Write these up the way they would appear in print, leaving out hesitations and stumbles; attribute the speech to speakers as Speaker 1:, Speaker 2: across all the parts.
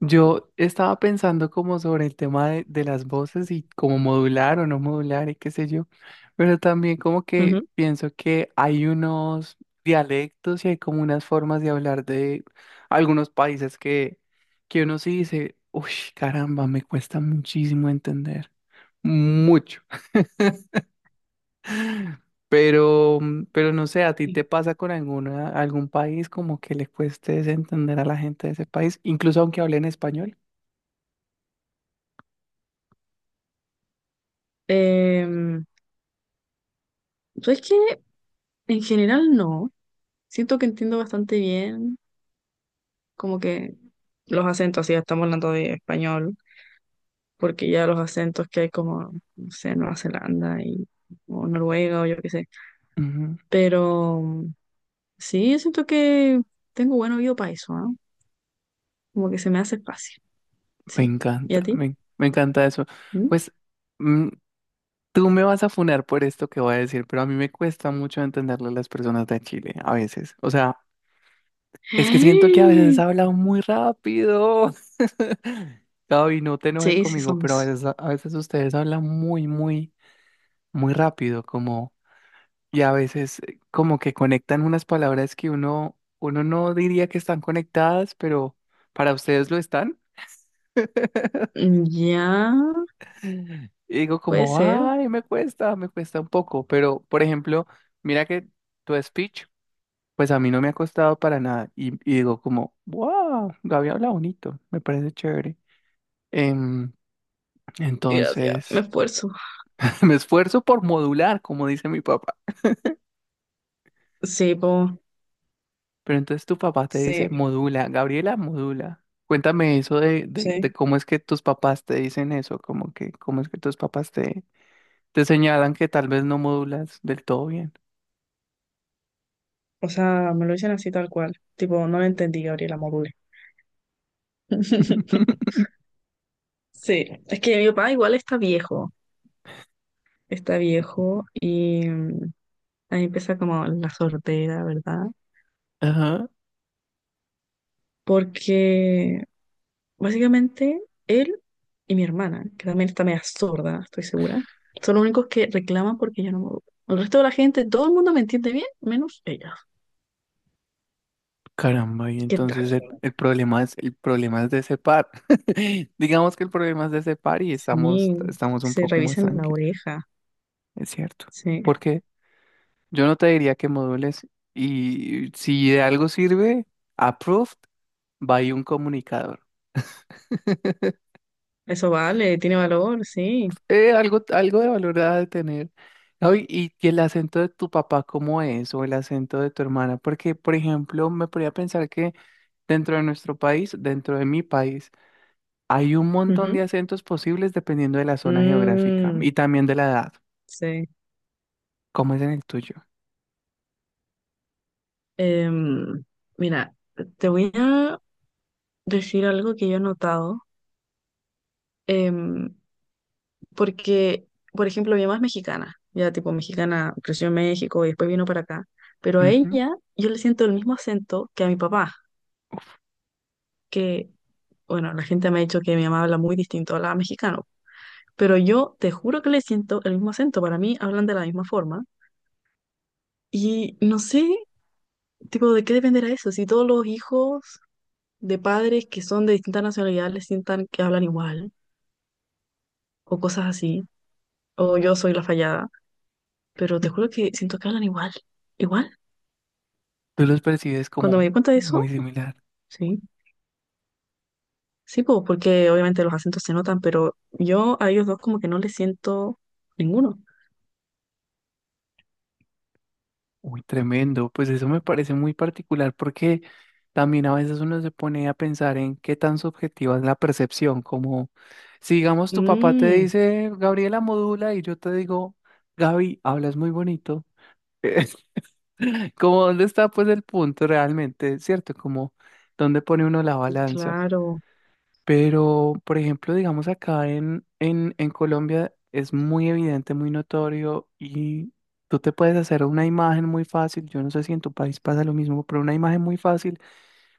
Speaker 1: Yo estaba pensando como sobre el tema de las voces y como modular o no modular y qué sé yo, pero también como que
Speaker 2: Ujú.
Speaker 1: pienso que hay unos dialectos y hay como unas formas de hablar de algunos países que uno sí dice, uy, caramba, me cuesta muchísimo entender, mucho. Pero no sé, ¿a ti te pasa con algún país como que le cueste entender a la gente de ese país, incluso aunque hablen español?
Speaker 2: Em, ¿Sabes qué? En general no. Siento que entiendo bastante bien, como que los acentos, si ya estamos hablando de español, porque ya los acentos que hay como, no sé, Nueva Zelanda y, o Noruega o yo qué sé.
Speaker 1: Ujú.
Speaker 2: Pero sí, yo siento que tengo buen oído para eso, ¿no? Como que se me hace fácil.
Speaker 1: Me
Speaker 2: Sí. ¿Y
Speaker 1: encanta,
Speaker 2: a ti?
Speaker 1: me encanta eso.
Speaker 2: ¿Mm?
Speaker 1: Pues, mm, Tú me vas a funar por esto que voy a decir, pero a mí me cuesta mucho entenderle a las personas de Chile a veces. O sea, es que siento que a veces hablan muy rápido. Gaby, no te enojes
Speaker 2: Sí, sí
Speaker 1: conmigo, pero
Speaker 2: somos.
Speaker 1: a veces ustedes hablan muy, muy, muy rápido, como, y a veces como que conectan unas palabras que uno no diría que están conectadas, pero para ustedes lo están.
Speaker 2: Mm, ya,
Speaker 1: Y digo
Speaker 2: puede
Speaker 1: como,
Speaker 2: ser.
Speaker 1: ay, me cuesta un poco, pero por ejemplo, mira que tu speech, pues a mí no me ha costado para nada. Y digo como, wow, Gaby habla bonito, me parece chévere. Em,
Speaker 2: Gracias, me
Speaker 1: entonces,
Speaker 2: esfuerzo.
Speaker 1: Me esfuerzo por modular, como dice mi papá.
Speaker 2: Sí, po,
Speaker 1: Pero entonces tu papá te dice,
Speaker 2: sí.
Speaker 1: modula, Gabriela, modula. Cuéntame eso de
Speaker 2: Sí,
Speaker 1: cómo es que tus papás te dicen eso, como que, cómo es que tus papás te señalan que tal vez no modulas del todo bien.
Speaker 2: o sea, me lo dicen así tal cual. Tipo, no lo entendí, Gabriela, module. Sí, es que mi papá igual está viejo y ahí empieza como la sordera, ¿verdad?
Speaker 1: Ajá.
Speaker 2: Porque básicamente él y mi hermana, que también está media sorda, estoy segura, son los únicos que reclaman porque yo no me educo. El resto de la gente, todo el mundo me entiende bien, menos ella.
Speaker 1: Caramba, y
Speaker 2: ¿Qué tal?
Speaker 1: entonces el problema es de ese par. Digamos que el problema es de ese par y
Speaker 2: Sí,
Speaker 1: estamos un
Speaker 2: se
Speaker 1: poco más
Speaker 2: revisan la
Speaker 1: tranquilos,
Speaker 2: oreja,
Speaker 1: es cierto.
Speaker 2: sí.
Speaker 1: Porque yo no te diría que modules y si de algo sirve, approved, va ahí un comunicador.
Speaker 2: Eso vale, tiene valor, sí.
Speaker 1: Algo de valor ha de tener. Ay, y el acento de tu papá, ¿cómo es? O el acento de tu hermana. Porque, por ejemplo, me podría pensar que dentro de nuestro país, dentro de mi país, hay un montón de
Speaker 2: Ujú.
Speaker 1: acentos posibles dependiendo de la zona geográfica
Speaker 2: Mm,
Speaker 1: y también de la edad,
Speaker 2: sí.
Speaker 1: como es en el tuyo.
Speaker 2: Em, Mira, te voy a decir algo que yo he notado, em, porque, por ejemplo, mi mamá es mexicana, ya tipo mexicana, creció en México y después vino para acá, pero a
Speaker 1: Ujú.
Speaker 2: ella yo le siento el mismo acento que a mi papá, que, bueno, la gente me ha dicho que mi mamá habla muy distinto a la mexicano, pero yo te juro que le siento el mismo acento, para mí hablan de la misma forma y no sé, tipo, ¿de qué dependerá eso? Si todos los hijos de padres que son de distintas nacionalidades les sientan que hablan igual, o cosas así, o yo soy la fallada, pero te juro que siento que hablan igual, igual.
Speaker 1: Tú los percibes
Speaker 2: Cuando me
Speaker 1: como
Speaker 2: di cuenta de eso,
Speaker 1: muy similar.
Speaker 2: sí, sí, pues, porque obviamente los acentos se notan, pero yo a ellos dos como que no les siento ninguno.
Speaker 1: Uy, tremendo. Pues eso me parece muy particular porque también a veces uno se pone a pensar en qué tan subjetiva es la percepción. Como si, digamos, tu papá te
Speaker 2: Mm,
Speaker 1: dice, Gabriela modula, y yo te digo, Gaby, hablas muy bonito. Como, ¿dónde está pues el punto realmente? ¿Cierto? Como, ¿dónde pone uno la balanza?
Speaker 2: claro.
Speaker 1: Pero, por ejemplo, digamos acá en Colombia es muy evidente, muy notorio y tú te puedes hacer una imagen muy fácil. Yo no sé si en tu país pasa lo mismo, pero una imagen muy fácil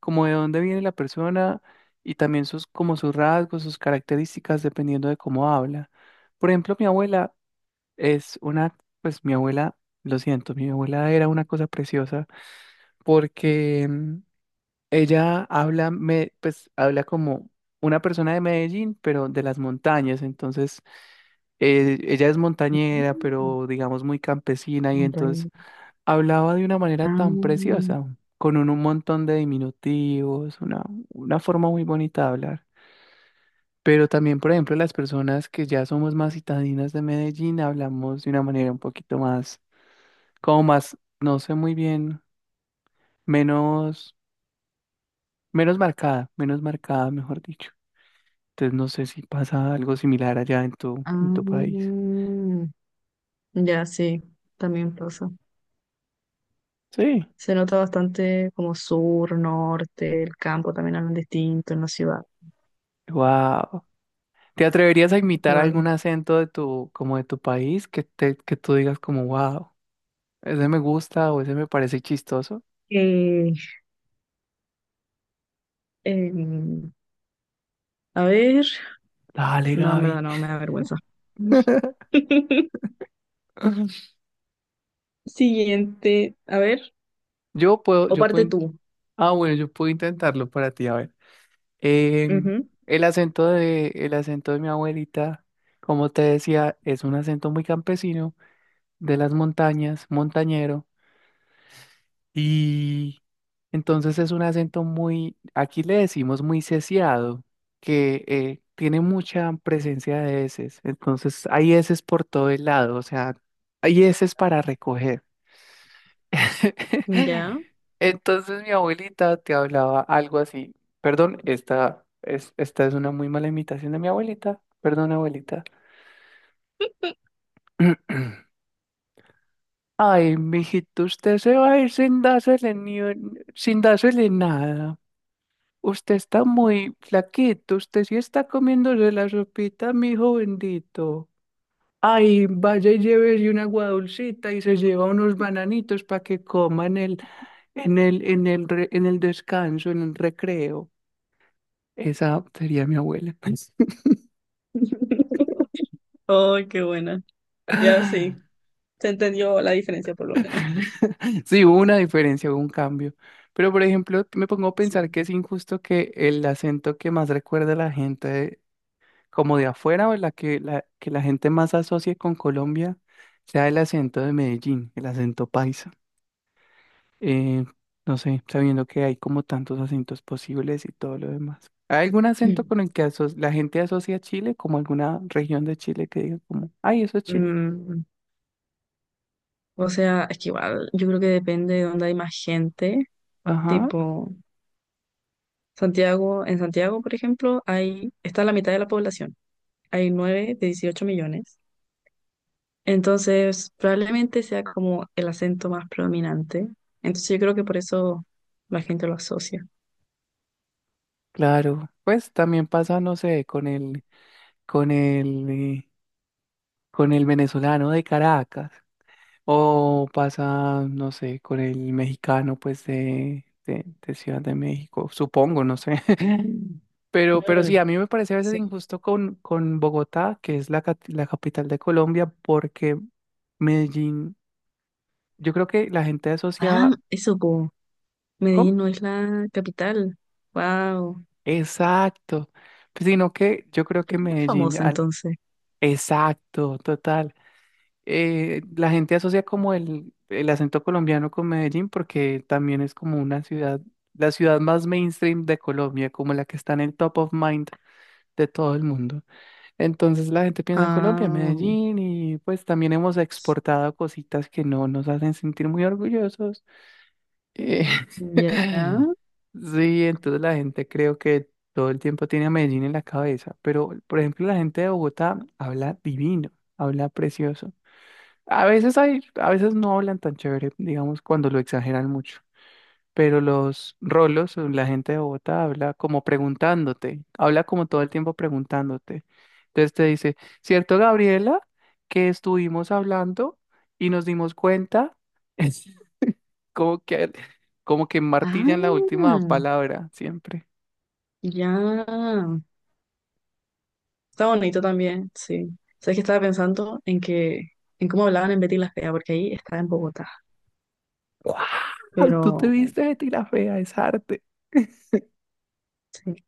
Speaker 1: como de dónde viene la persona y también sus, como sus rasgos, sus características, dependiendo de cómo habla. Por ejemplo, mi abuela es una, pues mi abuela, lo siento, mi abuela era una cosa preciosa porque ella habla, me, pues habla como una persona de Medellín, pero de las montañas. Entonces, ella es montañera,
Speaker 2: Mm,
Speaker 1: pero digamos muy campesina y entonces
Speaker 2: montaña.
Speaker 1: hablaba de una manera
Speaker 2: Ah,
Speaker 1: tan preciosa, con un montón de diminutivos, una forma muy bonita de hablar. Pero también, por ejemplo, las personas que ya somos más citadinas de Medellín, hablamos de una manera un poquito más, como más, no sé muy bien, menos, menos marcada, mejor dicho. Entonces no sé si pasa algo similar allá en tu país.
Speaker 2: ah, ya, sí, también pasa.
Speaker 1: Sí.
Speaker 2: Se nota bastante como sur, norte, el campo también hablan distinto en la ciudad.
Speaker 1: Wow. ¿Te atreverías a imitar
Speaker 2: Claro.
Speaker 1: algún acento de tu, como de tu país que te, que tú digas como wow, ese me gusta o ese me parece chistoso?
Speaker 2: Eh, em, a ver,
Speaker 1: Dale,
Speaker 2: no, en verdad
Speaker 1: Gaby.
Speaker 2: no, me da vergüenza. Siguiente, a ver,
Speaker 1: Yo puedo,
Speaker 2: o
Speaker 1: yo puedo,
Speaker 2: parte
Speaker 1: in-
Speaker 2: tú.
Speaker 1: ah, bueno, yo puedo intentarlo para ti, a ver. Em,
Speaker 2: Ujú,
Speaker 1: el acento de, el acento de mi abuelita, como te decía, es un acento muy campesino, de las montañas, montañero. Y entonces es un acento muy, aquí le decimos muy sesiado, que tiene mucha presencia de eses. Entonces hay eses por todo el lado, o sea, hay eses para recoger.
Speaker 2: ya.
Speaker 1: Entonces mi abuelita te hablaba algo así. Perdón, esta es una muy mala imitación de mi abuelita. Perdón, abuelita. Ay, mijito, usted se va a ir sin dársele ni un- sin dársele nada. Usted está muy flaquito, usted sí está comiéndose la sopita, mi hijo bendito. Ay, vaya y llévese una agua dulcita y se lleva unos bananitos para que coman en el descanso, en el recreo. Esa sería mi abuela.
Speaker 2: Oh, qué buena. Ya sí, se entendió la diferencia por lo menos.
Speaker 1: Sí, hubo una diferencia, hubo un cambio. Pero, por ejemplo, me pongo a
Speaker 2: Sí.
Speaker 1: pensar que es injusto que el acento que más recuerda a la gente como de afuera o que la gente más asocie con Colombia sea el acento de Medellín, el acento paisa. Eh, no sé, sabiendo que hay como tantos acentos posibles y todo lo demás. ¿Hay algún acento con el que la gente asocia a Chile, como alguna región de Chile que diga como, ay, eso es Chile?
Speaker 2: Mm, o sea, es que igual, yo creo que depende de dónde hay más gente,
Speaker 1: Ajá,
Speaker 2: tipo. Santiago, en Santiago, por ejemplo, hay, está la mitad de la población. Hay 9 de 18 millones. Entonces, probablemente sea como el acento más predominante. Entonces, yo creo que por eso la gente lo asocia.
Speaker 1: claro. Pues también pasa, no sé, con el, eh, con el venezolano de Caracas. O pasa, no sé, con el mexicano, pues, de Ciudad de México, supongo, no sé. Pero sí,
Speaker 2: Mm.
Speaker 1: a mí me parece a veces
Speaker 2: Sí.
Speaker 1: injusto con Bogotá, que es la capital de Colombia, porque Medellín, yo creo que la gente
Speaker 2: Ah,
Speaker 1: asocia...
Speaker 2: eso, po.
Speaker 1: ¿Cómo?
Speaker 2: Medellín no es la capital. Wow.
Speaker 1: Exacto. Pues, sino que yo creo
Speaker 2: ¿Por
Speaker 1: que
Speaker 2: qué es más famosa entonces?
Speaker 1: Exacto, total. La gente asocia como el acento colombiano con Medellín porque también es como una ciudad, la ciudad más mainstream de Colombia, como la que está en el top of mind de todo el mundo. Entonces la gente piensa en Colombia,
Speaker 2: Ah,
Speaker 1: Medellín y pues también hemos exportado cositas que no nos hacen sentir muy orgullosos. Eh,
Speaker 2: ya.
Speaker 1: Sí, entonces la gente creo que todo el tiempo tiene a Medellín en la cabeza, pero por ejemplo la gente de Bogotá habla divino, habla precioso. A veces no hablan tan chévere, digamos, cuando lo exageran mucho. Pero los rolos, o la gente de Bogotá habla como preguntándote, habla como todo el tiempo preguntándote. Entonces te dice, ¿cierto, Gabriela, que estuvimos hablando y nos dimos cuenta? como que, como que martillan la
Speaker 2: Ah,
Speaker 1: última palabra siempre.
Speaker 2: ya. Está bonito también, sí. Sabes que estaba pensando en que, en cómo hablaban en Betty la Fea, porque ahí estaba en Bogotá.
Speaker 1: ¡Wow! Tú te
Speaker 2: Pero
Speaker 1: viste de tira fea, es arte.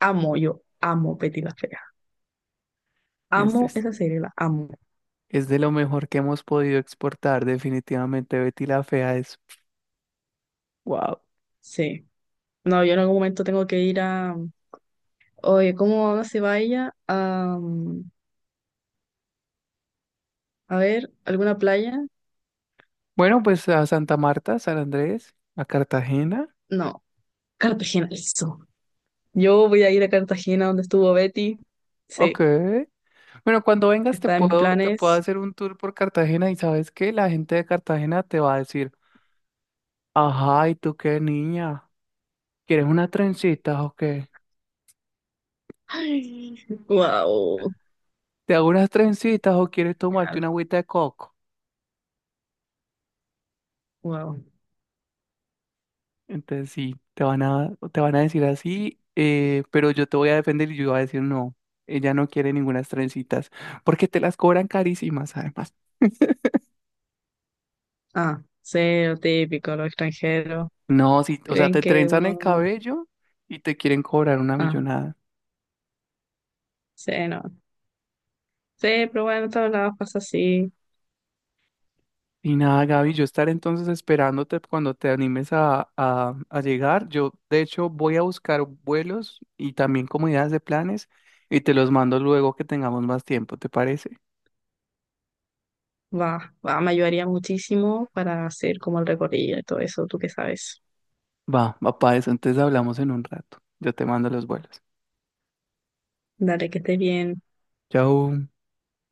Speaker 2: amo, yo amo Betty la Fea.
Speaker 1: Este
Speaker 2: Amo
Speaker 1: es
Speaker 2: esa serie, la amo.
Speaker 1: Es de lo mejor que hemos podido exportar, definitivamente. Betty la Fea es wow.
Speaker 2: Sí. No, yo en algún momento tengo que ir a. Oye, ¿cómo no se va ella a ver, alguna playa?
Speaker 1: Bueno, pues a Santa Marta, San Andrés, a Cartagena.
Speaker 2: No, Cartagena, listo. Yo voy a ir a Cartagena donde estuvo Betty.
Speaker 1: Ok.
Speaker 2: Sí,
Speaker 1: Bueno, cuando vengas
Speaker 2: está en mis
Speaker 1: te puedo
Speaker 2: planes.
Speaker 1: hacer un tour por Cartagena y sabes qué la gente de Cartagena te va a decir, ajá, ¿y tú qué niña? ¿Quieres unas trencitas o qué?
Speaker 2: Ay, wow.
Speaker 1: ¿Te hago unas trencitas o quieres tomarte una agüita de coco?
Speaker 2: Wow.
Speaker 1: Entonces sí, te van a decir así, pero yo te voy a defender y yo voy a decir no, ella no quiere ninguna trencitas, porque te las cobran carísimas además.
Speaker 2: Ah, cero típico, los extranjeros.
Speaker 1: No, sí, o sea,
Speaker 2: Creen
Speaker 1: te
Speaker 2: que
Speaker 1: trenzan el
Speaker 2: uno.
Speaker 1: cabello y te quieren cobrar una
Speaker 2: Ah,
Speaker 1: millonada.
Speaker 2: sí, no. Sí, pero bueno, en todos lados pasa así.
Speaker 1: Y nada, Gaby, yo estaré entonces esperándote cuando te animes a llegar. Yo, de hecho, voy a buscar vuelos y también comunidades de planes y te los mando luego que tengamos más tiempo, ¿te parece?
Speaker 2: Va, va, me ayudaría muchísimo para hacer como el recorrido y todo eso, tú que sabes.
Speaker 1: Va, va para eso, entonces hablamos en un rato. Yo te mando los vuelos.
Speaker 2: Dale, que estés bien.
Speaker 1: Chau.